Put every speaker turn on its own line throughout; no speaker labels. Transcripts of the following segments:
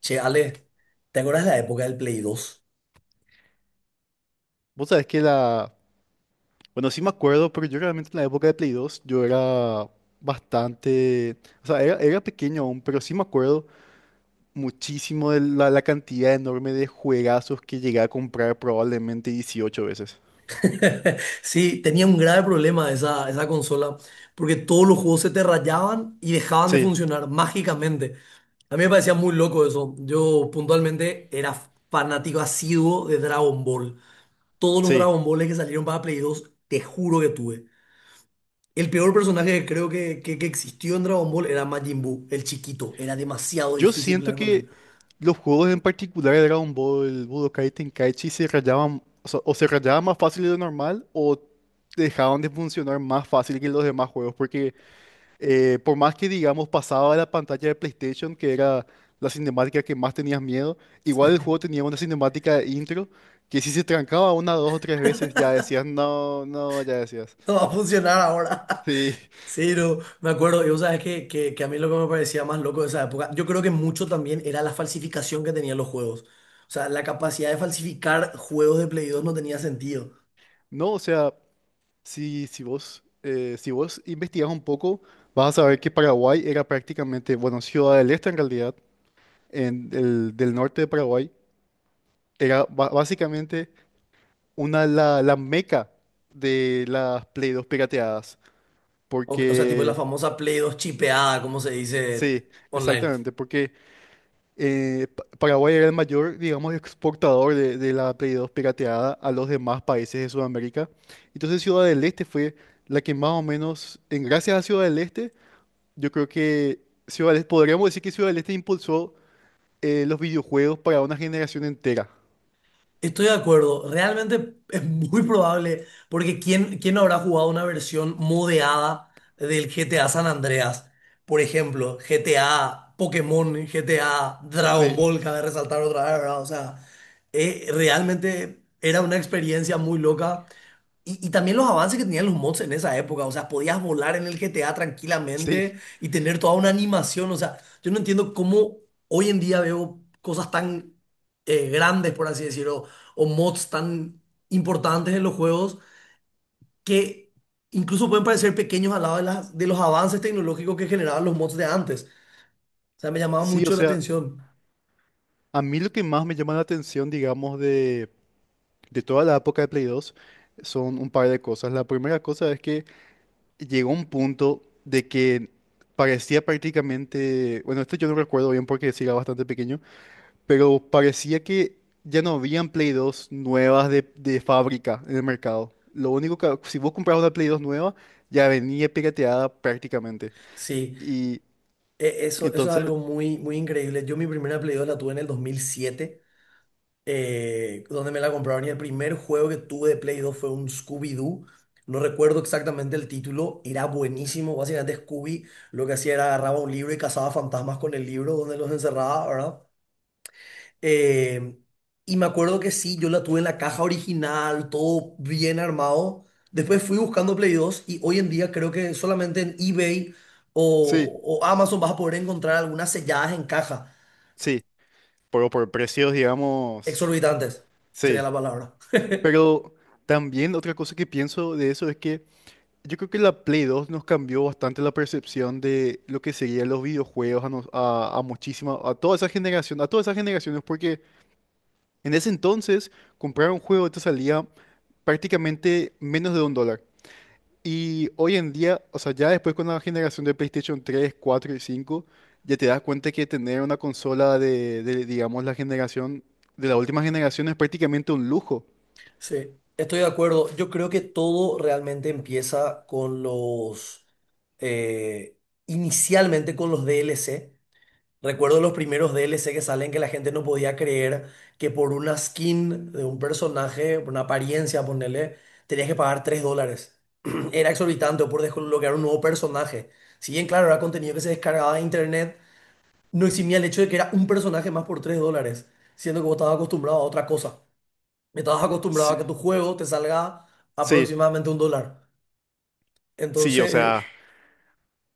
Che, Ale, ¿te acuerdas de la época del Play dos?
Vos sabés que la... Bueno, sí me acuerdo, pero yo realmente en la época de Play 2 yo era bastante... o sea, era pequeño aún, pero sí me acuerdo muchísimo de la cantidad enorme de juegazos que llegué a comprar probablemente 18 veces.
Sí, tenía un grave problema esa consola, porque todos los juegos se te rayaban y dejaban de
Sí,
funcionar mágicamente. A mí me parecía muy loco eso. Yo puntualmente era fanático asiduo de Dragon Ball. Todos los
sí.
Dragon Balls que salieron para Play 2, te juro que tuve. El peor personaje que creo que existió en Dragon Ball era Majin Buu, el chiquito. Era demasiado
Yo
difícil
siento
pelear con él.
que los juegos en particular de Dragon Ball, Budokai Tenkaichi se rayaban, o sea, o se rayaban más fácil de lo normal o dejaban de funcionar más fácil que los demás juegos porque por más que, digamos, pasaba la pantalla de PlayStation, que era la cinemática que más tenías miedo. Igual el juego tenía una cinemática de intro que, si se trancaba una, dos o tres veces, ya decías, no, no, ya decías.
No va a funcionar ahora.
Sí,
Sí, no, me acuerdo, y vos sabes que a mí lo que me parecía más loco de esa época, yo creo que mucho también era la falsificación que tenían los juegos. O sea, la capacidad de falsificar juegos de Play 2 no tenía sentido.
no, o sea, si vos investigas un poco, vas a saber que Paraguay era prácticamente, bueno, Ciudad del Este en realidad, del norte de Paraguay, era básicamente la meca de las Play 2 pirateadas,
O sea, tipo la
porque...
famosa Play 2 chipeada, como se dice
Sí,
online.
exactamente, porque Paraguay era el mayor, digamos, exportador de, la Play 2 pirateada a los demás países de Sudamérica. Entonces Ciudad del Este fue la que más o menos, en gracias a Ciudad del Este, yo creo que Ciudad del Este, podríamos decir que Ciudad del Este impulsó los videojuegos para una generación entera.
Estoy de acuerdo, realmente es muy probable, porque ¿quién no habrá jugado una versión modeada del GTA San Andreas? Por ejemplo, GTA Pokémon, GTA Dragon
Sí,
Ball, cabe resaltar otra vez, ¿verdad? O sea, realmente era una experiencia muy loca y también los avances que tenían los mods en esa época, o sea, podías volar en el GTA
sí,
tranquilamente y tener toda una animación, o sea, yo no entiendo cómo hoy en día veo cosas tan grandes, por así decirlo, o mods tan importantes en los juegos que incluso pueden parecer pequeños al lado de, de los avances tecnológicos que generaban los mods de antes. O sea, me llamaba
sí, o
mucho la
sea,
atención.
a mí lo que más me llama la atención, digamos, de, toda la época de Play 2 son un par de cosas. La primera cosa es que llegó un punto de que parecía prácticamente, bueno, esto yo no recuerdo bien porque sí era bastante pequeño, pero parecía que ya no habían Play 2 nuevas de fábrica en el mercado. Lo único que, si vos comprabas una Play 2 nueva, ya venía pirateada prácticamente.
Sí,
Y
eso, eso es
entonces,
algo muy, muy increíble. Yo mi primera Play 2 la tuve en el 2007, donde me la compraron. Y el primer juego que tuve de Play 2 fue un Scooby-Doo. No recuerdo exactamente el título, era buenísimo. Básicamente Scooby lo que hacía era agarraba un libro y cazaba fantasmas con el libro donde los encerraba, ¿verdad? Eh, y me acuerdo que sí, yo la tuve en la caja original, todo bien armado. Después fui buscando Play 2 y hoy en día creo que solamente en eBay
sí,
o Amazon vas a poder encontrar algunas selladas en caja.
sí, pero por precios, digamos,
Exorbitantes sería
sí.
la palabra.
Pero también otra cosa que pienso de eso es que yo creo que la Play 2 nos cambió bastante la percepción de lo que serían los videojuegos a muchísima, a toda esa generación, a todas esas generaciones, porque en ese entonces comprar un juego te salía prácticamente menos de $1. Y hoy en día, o sea, ya después con la generación de PlayStation 3, 4 y 5, ya te das cuenta que tener una consola digamos, de la última generación, es prácticamente un lujo.
Sí, estoy de acuerdo. Yo creo que todo realmente empieza con eh, inicialmente con los DLC. Recuerdo los primeros DLC que salen que la gente no podía creer que por una skin de un personaje, por una apariencia, ponerle, tenías que pagar $3. Era exorbitante o por desbloquear un nuevo personaje. Si bien, claro, era contenido que se descargaba de internet, no eximía el hecho de que era un personaje más por $3, siendo que vos estabas acostumbrado a otra cosa. Estabas acostumbrado
Sí,
a que tu juego te salga
sí,
aproximadamente un dólar.
sí, o
Entonces,
sea,
eh,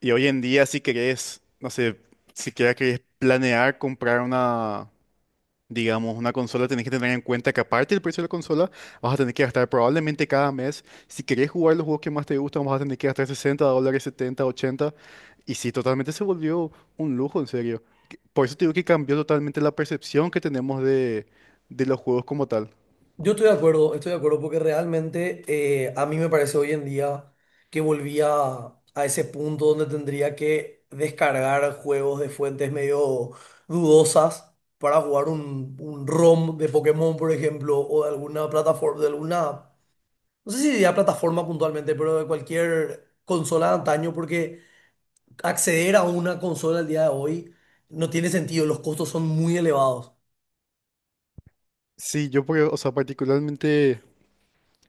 y hoy en día, si querés, no sé, si querés planear comprar una, digamos, una consola, tenés que tener en cuenta que, aparte del precio de la consola, vas a tener que gastar probablemente cada mes. Si querés jugar los juegos que más te gustan, vas a tener que gastar $60, 70, 80. Y sí, totalmente se volvió un lujo, en serio. Por eso te digo que cambió totalmente la percepción que tenemos de, los juegos como tal.
yo estoy de acuerdo porque realmente a mí me parece hoy en día que volvía a ese punto donde tendría que descargar juegos de fuentes medio dudosas para jugar un ROM de Pokémon, por ejemplo, o de alguna plataforma, de alguna, no sé si diría plataforma puntualmente, pero de cualquier consola de antaño, porque acceder a una consola al día de hoy no tiene sentido, los costos son muy elevados.
Sí, o sea, particularmente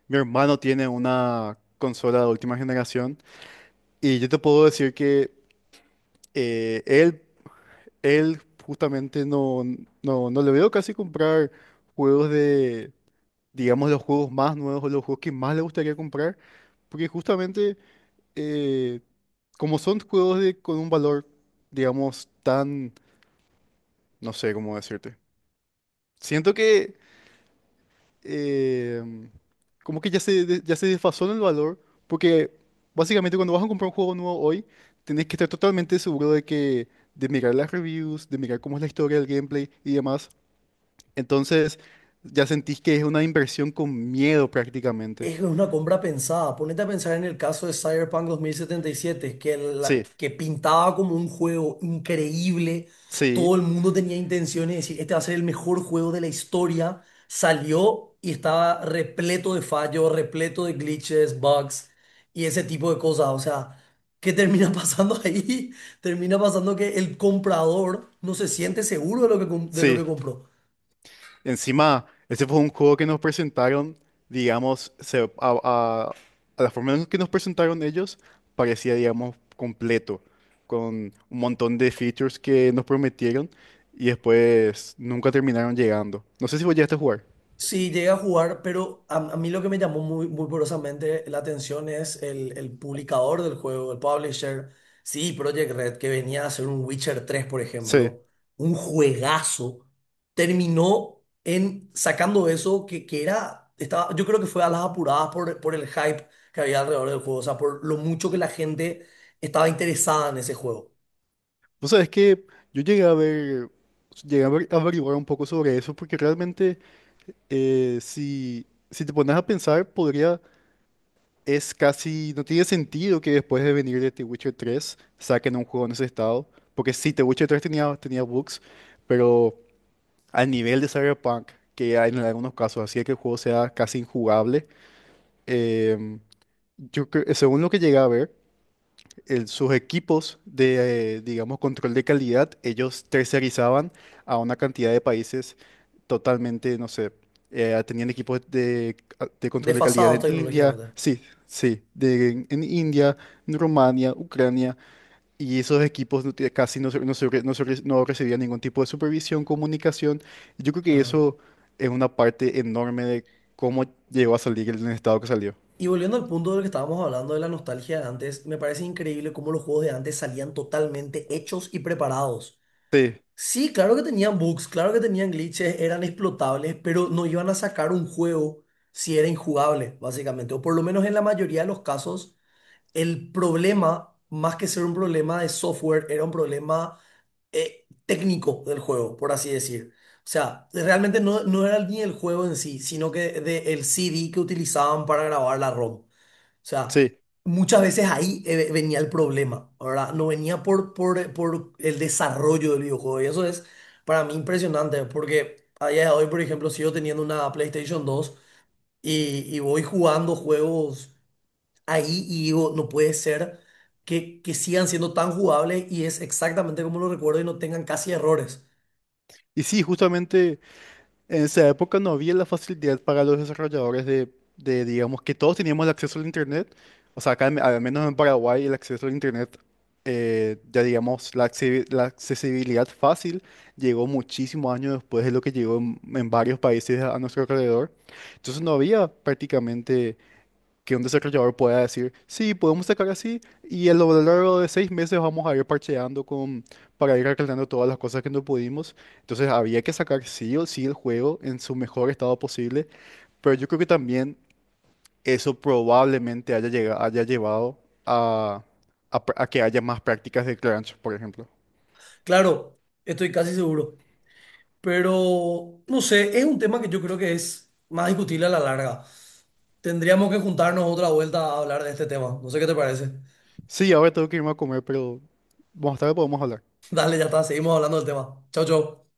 mi hermano tiene una consola de última generación y yo te puedo decir que eh, él, él justamente no le veo casi comprar juegos de, digamos, los juegos más nuevos o los juegos que más le gustaría comprar, porque justamente eh, como son juegos de, con un valor, digamos, tan, no sé cómo decirte. Siento que eh, como que ya se desfasó en el valor, porque básicamente cuando vas a comprar un juego nuevo hoy, tenés que estar totalmente seguro de, que, de mirar las reviews, de mirar cómo es la historia del gameplay y demás. Entonces, ya sentís que es una inversión con miedo prácticamente.
Es una compra pensada. Ponete a pensar en el caso de Cyberpunk 2077, que
Sí,
que pintaba como un juego increíble. Todo
sí,
el mundo tenía intenciones de decir, este va a ser el mejor juego de la historia. Salió y estaba repleto de fallos, repleto de glitches, bugs y ese tipo de cosas. O sea, ¿qué termina pasando ahí? Termina pasando que el comprador no se siente seguro de lo de lo
sí.
que compró.
Encima, ese fue un juego que nos presentaron, digamos, a la forma en que nos presentaron ellos, parecía, digamos, completo, con un montón de features que nos prometieron y después nunca terminaron llegando. No sé si vos llegaste a jugar.
Sí, llegué a jugar, pero a mí lo que me llamó muy poderosamente la atención es el publicador del juego, el publisher. Sí, Project Red, que venía a hacer un Witcher tres, por
Sí.
ejemplo, un juegazo, terminó en sacando eso que era, estaba, yo creo que fue a las apuradas por el hype que había alrededor del juego, o sea, por lo mucho que la gente estaba interesada en ese juego.
Vos sabés que yo llegué a ver, a averiguar un poco sobre eso, porque realmente, eh, si, si te pones a pensar, podría. Es casi, no tiene sentido que después de venir de The Witcher 3 saquen un juego en ese estado, porque sí, The Witcher 3 tenía bugs, pero al nivel de Cyberpunk, que hay en algunos casos hacía que el juego sea casi injugable, em, según lo que llegué a ver, sus equipos de, digamos, control de calidad, ellos tercerizaban a una cantidad de países totalmente, no sé, tenían equipos de, control de calidad
Desfasados
en India,
tecnológicamente.
sí, sí, en India, en Rumania, Ucrania, y esos equipos no recibían ningún tipo de supervisión, comunicación. Yo creo que
Claro.
eso es una parte enorme de cómo llegó a salir el estado que salió.
Y volviendo al punto del que estábamos hablando de la nostalgia de antes, me parece increíble cómo los juegos de antes salían totalmente hechos y preparados.
Sí,
Sí, claro que tenían bugs, claro que tenían glitches, eran explotables, pero no iban a sacar un juego si era injugable, básicamente. O por lo menos en la mayoría de los casos, el problema, más que ser un problema de software, era un problema técnico del juego, por así decir. O sea, realmente no, no era ni el juego en sí, sino que de, el CD que utilizaban para grabar la ROM. O sea,
sí.
muchas veces ahí venía el problema, ¿verdad? No venía por el desarrollo del videojuego. Y eso es para mí impresionante, porque a día de hoy, por ejemplo, sigo teniendo una PlayStation dos y voy jugando juegos ahí y digo, no puede ser que sigan siendo tan jugables y es exactamente como lo recuerdo y no tengan casi errores.
Y sí, justamente... En esa época no había la facilidad para los desarrolladores de, digamos, que todos teníamos el acceso al Internet. O sea, acá, al menos en Paraguay, el acceso al Internet, ya digamos, la accesibilidad fácil, llegó muchísimos años después de lo que llegó en varios países a nuestro alrededor. Entonces no había prácticamente que un desarrollador pueda decir, sí, podemos sacar así y a lo largo de 6 meses vamos a ir parcheando, con, para ir arreglando todas las cosas que no pudimos. Entonces había que sacar sí o sí el juego en su mejor estado posible, pero yo creo que también eso probablemente haya llevado a, a que haya más prácticas de crunch, por ejemplo.
Claro, estoy casi seguro, pero no sé, es un tema que yo creo que es más discutible a la larga. Tendríamos que juntarnos otra vuelta a hablar de este tema. No sé qué te parece.
Sí, ahora tengo que irme a comer, pero más tarde podemos hablar.
Dale, ya está, seguimos hablando del tema. Chau, chau.